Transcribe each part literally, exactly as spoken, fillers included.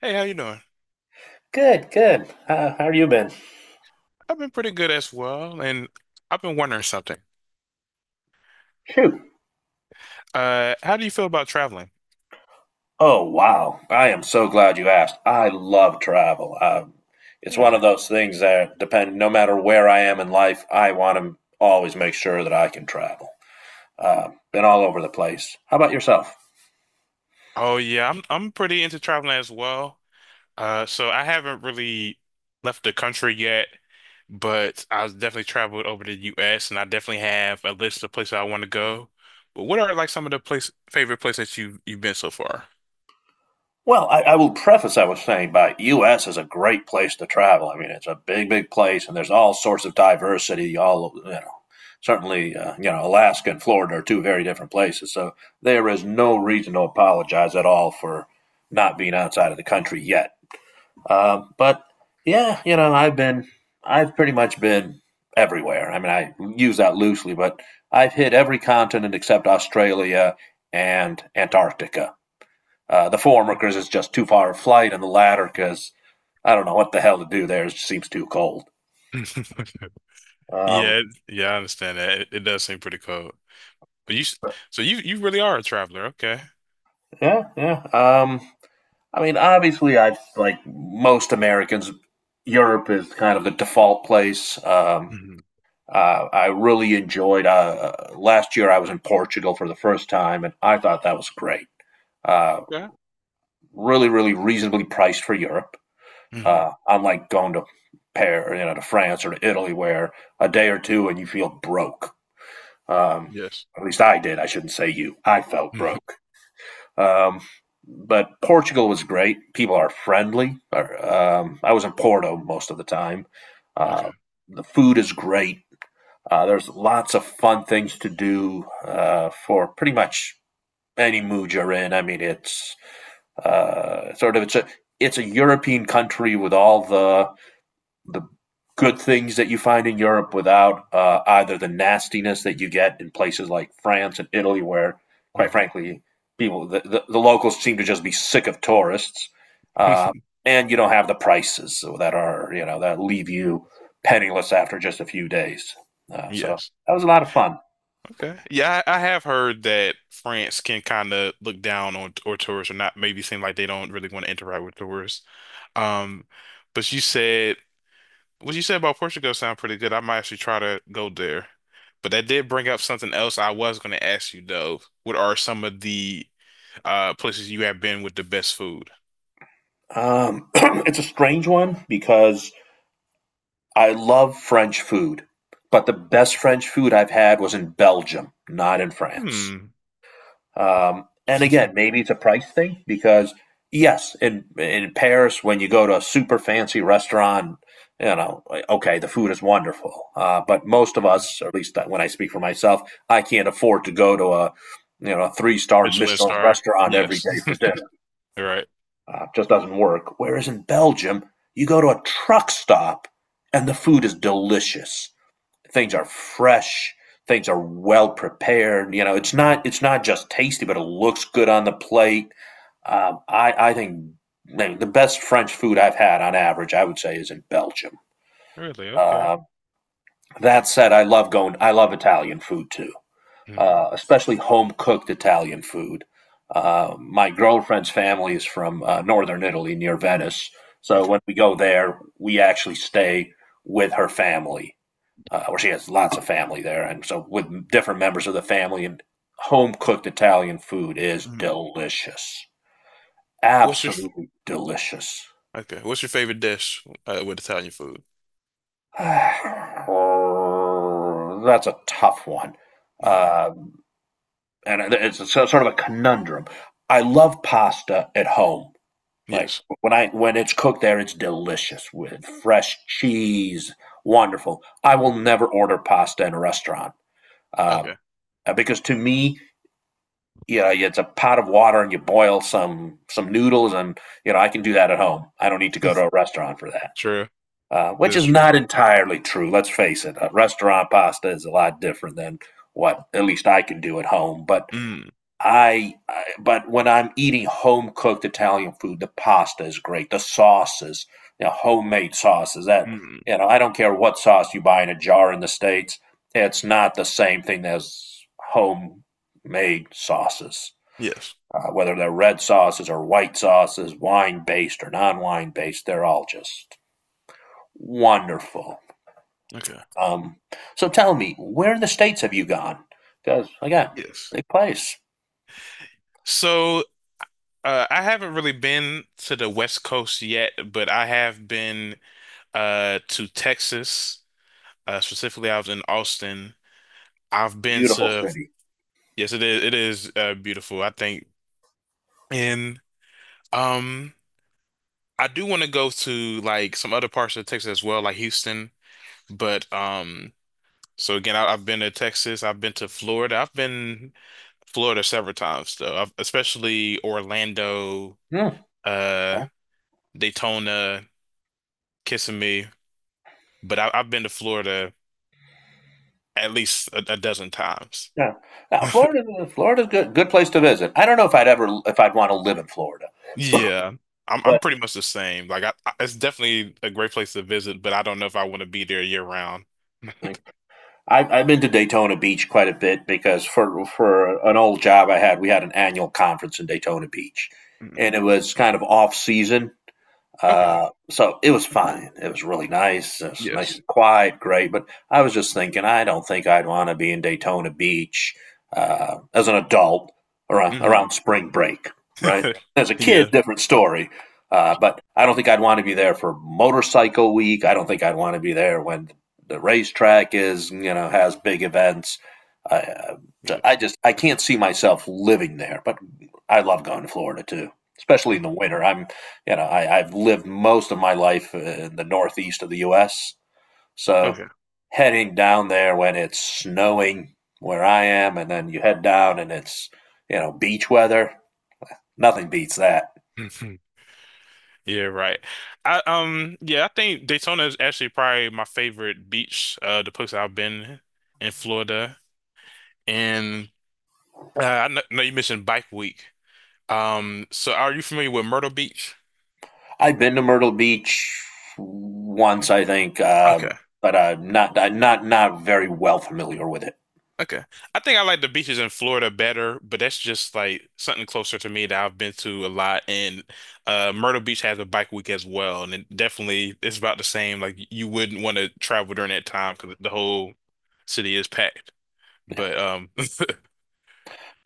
Hey, how you doing? Good, good. How how have you been? I've been pretty good as well, and I've been wondering something. Shoot. Uh, how do you feel about traveling? Oh, wow. I am so glad you asked. I love travel. Um, it's one of Really? those things that depend, no matter where I am in life, I want to always make sure that I can travel. Uh, been all over the place. How about yourself? Oh yeah, I'm I'm pretty into traveling as well. Uh, so I haven't really left the country yet, but I've definitely traveled over the U S and I definitely have a list of places I want to go. But what are like some of the place favorite places that you you've been so far? Well, I, I will preface I was saying by U S is a great place to travel. I mean, it's a big, big place, and there's all sorts of diversity. All you know, certainly, uh, you know, Alaska and Florida are two very different places. So there is no reason to apologize at all for not being outside of the country yet. Um, but yeah, you know, I've been, I've pretty much been everywhere. I mean, I use that loosely, but I've hit every continent except Australia and Antarctica. Uh, the former workers is just too far a flight, and the latter because I don't know what the hell to do there. It just seems too cold. Um, Yeah, it- yeah, I understand that. It, it does seem pretty cold. But you, s- so you you really are a traveler, okay? yeah, yeah. Um, I mean, obviously, I've like most Americans, Europe is kind of the default place. Um, hmm. uh, I really enjoyed. Uh, last year, I was in Portugal for the first time, and I thought that was great. Uh, Yeah. really, really reasonably priced for Europe. Mhm. Uh, unlike going to Paris, you know, to France or to Italy, where a day or two and you feel broke. Um, Yes. at least I did. I shouldn't say you. I felt Mhm. broke. Um, but Portugal was great. People are friendly. Um, I was in Porto most of the time. Okay. Uh, the food is great. Uh, there's lots of fun things to do uh, for pretty much any mood you're in. I mean, it's uh, sort of it's a it's a European country with all the the good things that you find in Europe without uh, either the nastiness that you get in places like France and Italy, where, quite Mhm. frankly, people the, the, the locals seem to just be sick of tourists, uh, and you don't have the prices that are you know that leave you penniless after just a few days. Uh, so Yes. that was a lot of fun. Okay. Yeah, I, I have heard that France can kind of look down on or tourists, or not maybe seem like they don't really want to interact with tourists. Um, but you said what you said about Portugal sound pretty good. I might actually try to go there. But that did bring up something else I was going to ask you though. What are some of the uh places you have been with the best food? Um, it's a strange one because I love French food, but the Okay. best French food I've had was in Belgium, not in France. Hmm. Um, and again, maybe it's a price thing because yes, in in Paris, when you go to a super fancy restaurant, you know, like, okay, the food is wonderful, uh, but most of us, or at least when I speak for myself, I can't afford to go to a you know a three star Michelin Michelin star. restaurant every Yes. day for dinner. All right. Uh, just doesn't work. Whereas in Belgium, you go to a truck stop and the food is delicious, things are fresh, things are well prepared, you know it's Mm. not it's not just tasty but it looks good on the plate. Um, I, I think the best French food I've had on average I would say is in Belgium. Really? Okay. Uh, that said, i love going I love Italian food too, uh, especially home cooked Italian food. Uh, my girlfriend's family is from uh, northern Italy near Venice, so Okay. when we go there we actually stay with her family, uh, where she has lots of family there, and so with different members of the family and home cooked Italian food is Mhm. delicious, What's your absolutely delicious. okay? What's your favorite dish uh, with Italian food? That's a tough one, Mm. uh, and it's a, so, sort of a conundrum. I love pasta at home. Like Yes. when I when it's cooked there, it's delicious with fresh cheese, wonderful. I will never order pasta in a restaurant, uh, Okay. because to me, you know, it's a pot of water and you boil some some noodles and you know I can do that at home. I don't need to go to a restaurant for that. True. Uh, That which is is true. not entirely true. Let's face it, a restaurant pasta is a lot different than what at least I can do at home. But Mm. I, I but when I'm eating home cooked Italian food, the pasta is great. The sauces, you know, homemade sauces that Mm. you know, I don't care what sauce you buy in a jar in the states. It's not the same thing as homemade sauces, Yes. uh, whether they're red sauces or white sauces, wine based or non wine based, they're all just wonderful. Okay. Um, so tell me, where in the states have you gone? Because again, Yes. big place, So uh, I haven't really been to the West Coast yet, but I have been uh, to Texas. Uh, specifically, I was in Austin. I've been beautiful to city. yes, it is. It is uh, beautiful. I think and um. I do want to go to like some other parts of Texas as well, like Houston. But um, so again, I, I've been to Texas, I've been to Florida, I've been Florida several times though, I've, especially Orlando, Hmm. uh, Okay. Daytona, Kissimmee. But I, I've been to Florida at least a, a dozen times. Yeah. Now Florida, Florida's a good, good place to visit. I don't know if I'd ever if I'd want to live in Florida, Yeah, I'm I'm but pretty much the same. Like I, I, it's definitely a great place to visit, but I don't know if I want to be there year round. like, I've I've been to Daytona Beach quite a bit because for for an old job I had, we had an annual conference in Daytona Beach, Mm, and it was kind of off season. okay. Uh, so it was fine. It was really nice. It was nice Yes. and quiet, great. But I was just thinking, I don't think I'd want to be in Daytona Beach uh, as an adult around Hmm. around spring break, right? As a kid, Yeah. different story. Uh, but I don't think I'd want to be there for motorcycle week. I don't think I'd want to be there when the racetrack is, you know, has big events. I, uh, I Yes. just I can't see myself living there. But I love going to Florida too, especially in the Mm, winter. I'm you know, I, I've lived most of my life in the northeast of the U S. So okay. heading down there when it's snowing where I am, and then you head down and it's you know beach weather, nothing beats that. Yeah, right. I um yeah, I think Daytona is actually probably my favorite beach, uh the place I've been in Florida. And uh, I kn- know you mentioned Bike Week. Um so are you familiar with Myrtle Beach? I've been to Myrtle Beach once, I think, uh, Okay. but I'm not I'm not not very well familiar with it. Okay. I think I like the beaches in Florida better, but that's just like something closer to me that I've been to a lot. And uh Myrtle Beach has a bike week as well, and it definitely it's about the same. Like you wouldn't want to travel during that time because the whole city is packed. Yeah. But um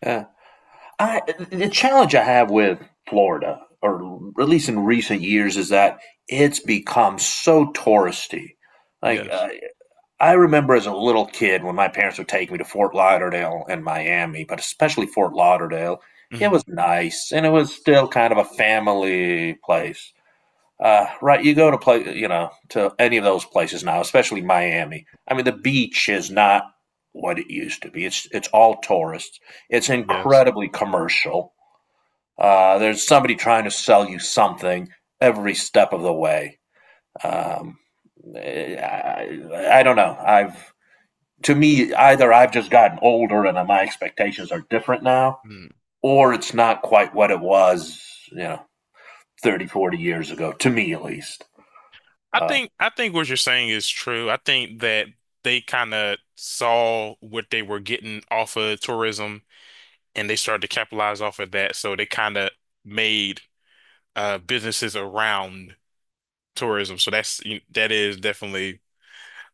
Uh, I The challenge I have with Florida, or at least in recent years, is that it's become so touristy. Like uh, yes. I remember as a little kid when my parents would take me to Fort Lauderdale and Miami, but especially Fort Lauderdale. It was Hmm. nice, and it was still kind of a family place. Uh, right, you go to play, you know, to any of those places now, especially Miami. I mean, the beach is not what it used to be. It's it's all tourists. It's Yes. incredibly commercial. Uh, there's somebody trying to sell you something every step of the way. Um, eh, I, I don't know. I've to me either I've just gotten older and my expectations are different now, Mm. or it's not quite what it was, you know, thirty, forty years ago. To me, at least. I Uh, think I think what you're saying is true. I think that they kind of saw what they were getting off of tourism and they started to capitalize off of that. So they kind of made uh, businesses around tourism. So that's you- that is definitely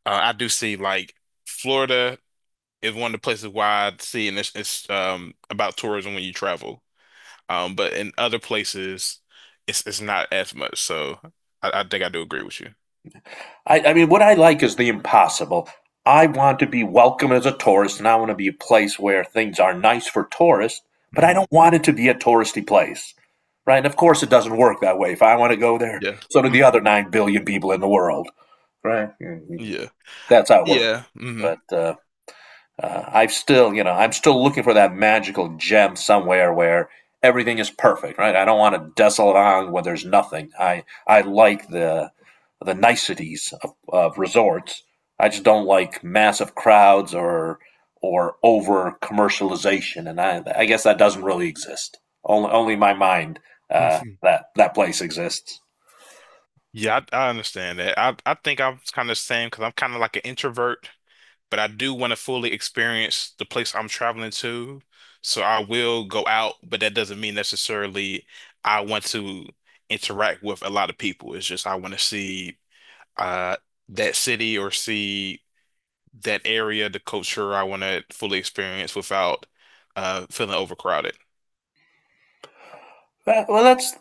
uh, I do see like Florida is one of the places where I see and it's, it's um about tourism when you travel. Um, but in other places, it's it's not as much. So I, I think I do agree with you. I, I mean, what I like is the impossible. I want to be welcome as a tourist, and I want to be a place where things are nice for tourists, but I Mhm. don't want it to be a touristy place, right? And of course, it doesn't work that way. If I want to go there, Yeah. so do Mm. the other nine billion people in the world, right? Mhm. Yeah. That's how it works. Yeah. Hmm. But uh, uh, I've still, you know, I'm still looking for that magical gem somewhere where everything is perfect, right? I don't want a desolate island where there's nothing. I I like the the niceties of, of resorts. I just don't like massive crowds or or over commercialization, and I I guess that doesn't really exist. Only only in my mind uh, that that place exists. Yeah, I, I understand that. I, I think I'm kind of the same because I'm kind of like an introvert, but I do want to fully experience the place I'm traveling to. So I will go out, but that doesn't mean necessarily I want to interact with a lot of people. It's just I want to see uh that city or see that area, the culture I want to fully experience without uh feeling overcrowded. Well, well, that's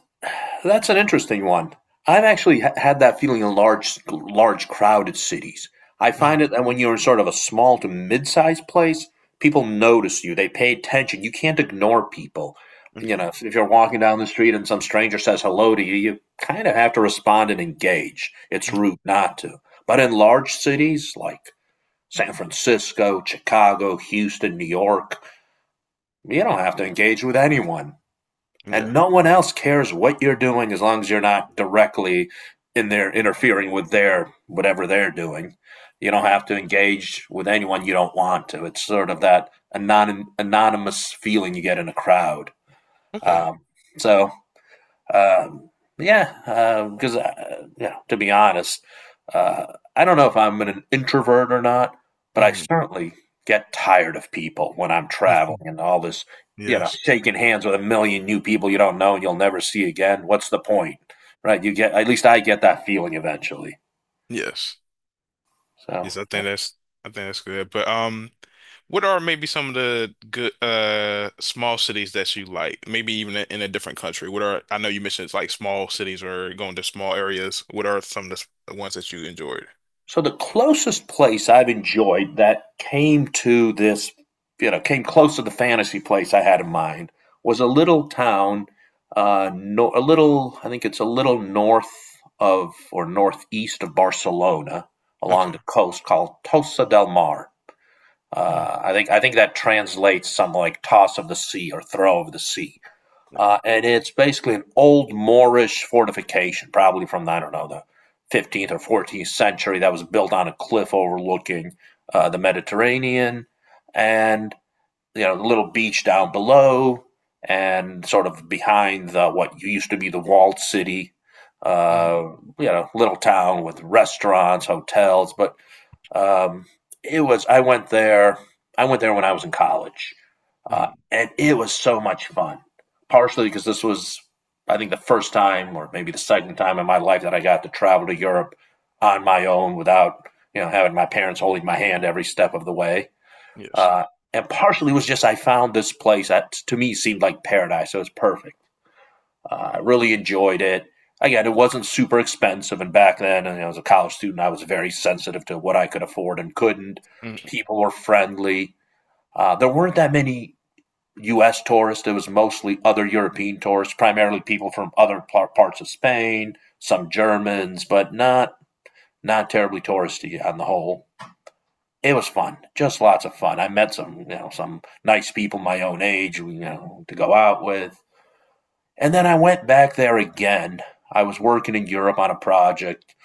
That's an interesting one. I've actually ha- had that feeling in large, large crowded cities. I find it Mhm. that when you're in sort of a small to mid-sized place, people notice you. They pay attention. You can't ignore people. You Okay. know, if, if you're walking down the street and some stranger says hello to you, you kind of have to respond and engage. It's rude Mhm. not to. But in large cities like San Francisco, Chicago, Houston, New York, you don't have to engage with anyone. And Yeah. no one else cares what you're doing as long as you're not directly in there interfering with their whatever they're doing. You don't have to engage with anyone you don't want to. It's sort of that anon- anonymous feeling you get in a crowd. Okay. Um, so um, yeah, because um, uh, yeah, to be honest, uh, I don't know if I'm an introvert or not, but I Mhm. certainly get tired of people when I'm traveling and all this, you know, Yes. shaking hands with a million new people you don't know and you'll never see again. What's the point, right? You get at least I get that feeling eventually. Yes. So. Yes, I think that's I think that's good. But um what are maybe some of the good uh small cities that you like? Maybe even in a different country. What are I know you mentioned it's like small cities or going to small areas. What are some of the s- the ones that you enjoyed? So the closest place I've enjoyed that came to this, you know, came close to the fantasy place I had in mind was a little town, uh, no, a little, I think it's a little north of or northeast of Barcelona Okay. along the coast called Tossa del Mar. Mm, Uh, I think I think that translates something like toss of the sea or throw of the sea. yeah. Uh, and it's basically an old Moorish fortification, probably from, I don't know, the fifteenth or fourteenth century, that was built on a cliff overlooking uh, the Mediterranean. And, you know, the little beach down below and sort of behind the, what used to be the walled city. Mm, Uh, you know, Little town with restaurants, hotels, but um, it was. I went there. I went there when I was in college, uh, mm, and it was so much fun. Partially because this was, I think, the first time or maybe the second time in my life that I got to travel to Europe on my own without you know having my parents holding my hand every step of the way. yes. Uh, and partially was just I found this place that to me seemed like paradise. So it was perfect. Uh, I really enjoyed it. Again, it wasn't super expensive, and back then, you know, as a college student, I was very sensitive to what I could afford and couldn't. Mm, People were friendly. Uh, there weren't that many U S tourists. It was mostly other European tourists, primarily people from other parts of Spain, some Germans, but not not terribly touristy on the whole. It was fun, just lots of fun. I met some you know some nice people my own age, you know, to go out with. And then I went back there again. I was working in Europe on a project,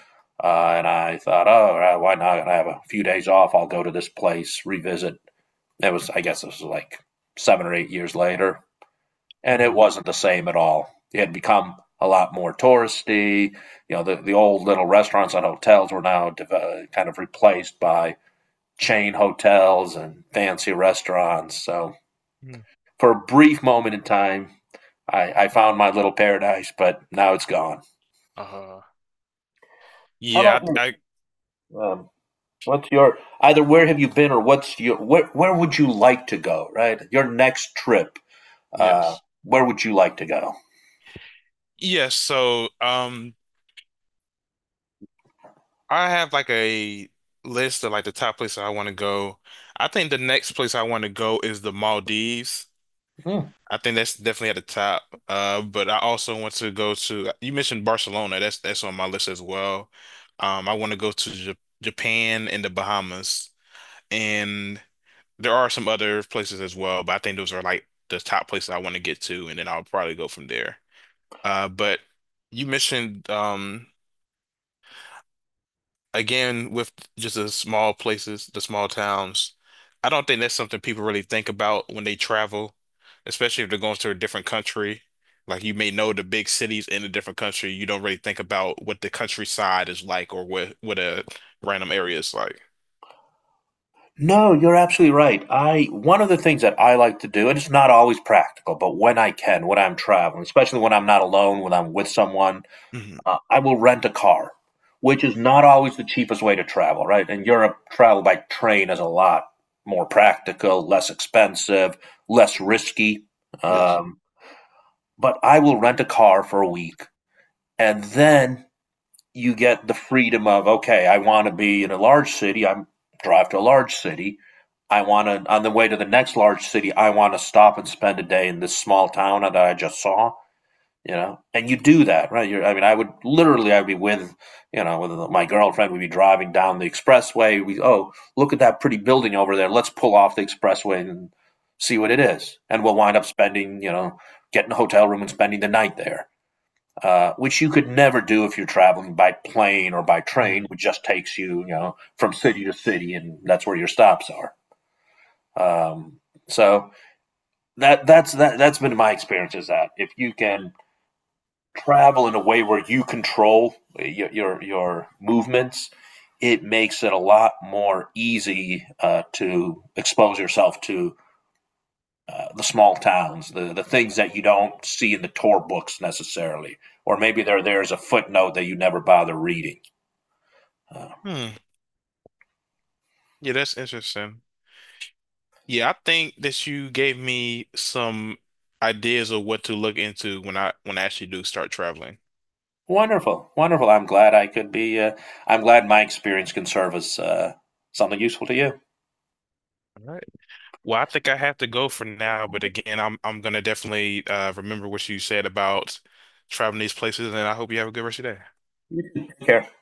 uh, and I thought, oh, right, why not? I have a few days off. I'll go to this place, revisit. It was, I guess, this was like seven or eight years later, and it mm, wasn't the same at all. It had become a lot more touristy. You know, the, the old little restaurants and hotels were now deve- uh, kind of replaced by chain hotels and fancy restaurants. So mm. for a brief moment in time, I, I found my little paradise, but now it's gone. Uh, How yeah, about you? I, I Um, what's your either where have you been or what's your where where would you like to go? Right, your next trip. Uh, yes. where would you like to go? Yes, so um I have like a list of like the top places I want to go. I think the next place I want to go is the Maldives. Hmm. I think that's definitely at the top. Uh, but I also want to go to, you mentioned Barcelona. That's that's on my list as well. Um, I want to go to J Japan and the Bahamas. And there are some other places as well, but I think those are like the top places I want to get to, and then I'll probably go from there. Uh, but you mentioned um again with just the small places, the small towns, I don't think that's something people really think about when they travel, especially if they're going to a different country. Like you may know the big cities in a different country, you don't really think about what the countryside is like or what what a random area is like. No, you're absolutely right. I One of the things that I like to do, and it's not always practical, but when I can, when I'm traveling, especially when I'm not alone, when I'm with someone, Hmm. uh, I will rent a car, which is not always the cheapest way to travel, right? In Europe, travel by train is a lot more practical, less expensive, less risky. Yes. Um, but I will rent a car for a week, and then you get the freedom of okay, I want to be in a large city. I'm drive to a large city. I want to on the way to the next large city. I want to stop and spend a day in this small town that I just saw. You know, and you do that, right? You're, I mean, I would literally, I'd be with, you know, with my girlfriend. We'd be driving down the expressway. We, oh, look at that pretty building over there. Let's pull off the expressway and see what it is. And we'll Yeah. wind up spending, you know, getting a hotel room and spending the night there, uh, which you could never do if you're traveling by plane or by train, Hmm. which just takes you, you know, from city to city, and that's where your stops are. Um, so that that's that that's been my experience is that if you can travel in a way where you control your your, your movements, it makes it a lot more easy uh, to expose yourself to uh, the small towns, the, the things that you don't see in the tour books necessarily, or maybe they're there as a footnote that you never bother reading. Uh, Hmm. Yeah, that's interesting. Yeah, I think that you gave me some ideas of what to look into when I when I actually do start traveling. Wonderful, wonderful. I'm glad I could be. Uh, I'm glad my experience can serve as uh, something useful to you. All right. Well, I think I have to go for now, but again, I'm I'm gonna definitely uh, remember what you said about traveling these places, and I hope you have a good rest of your day. Take care.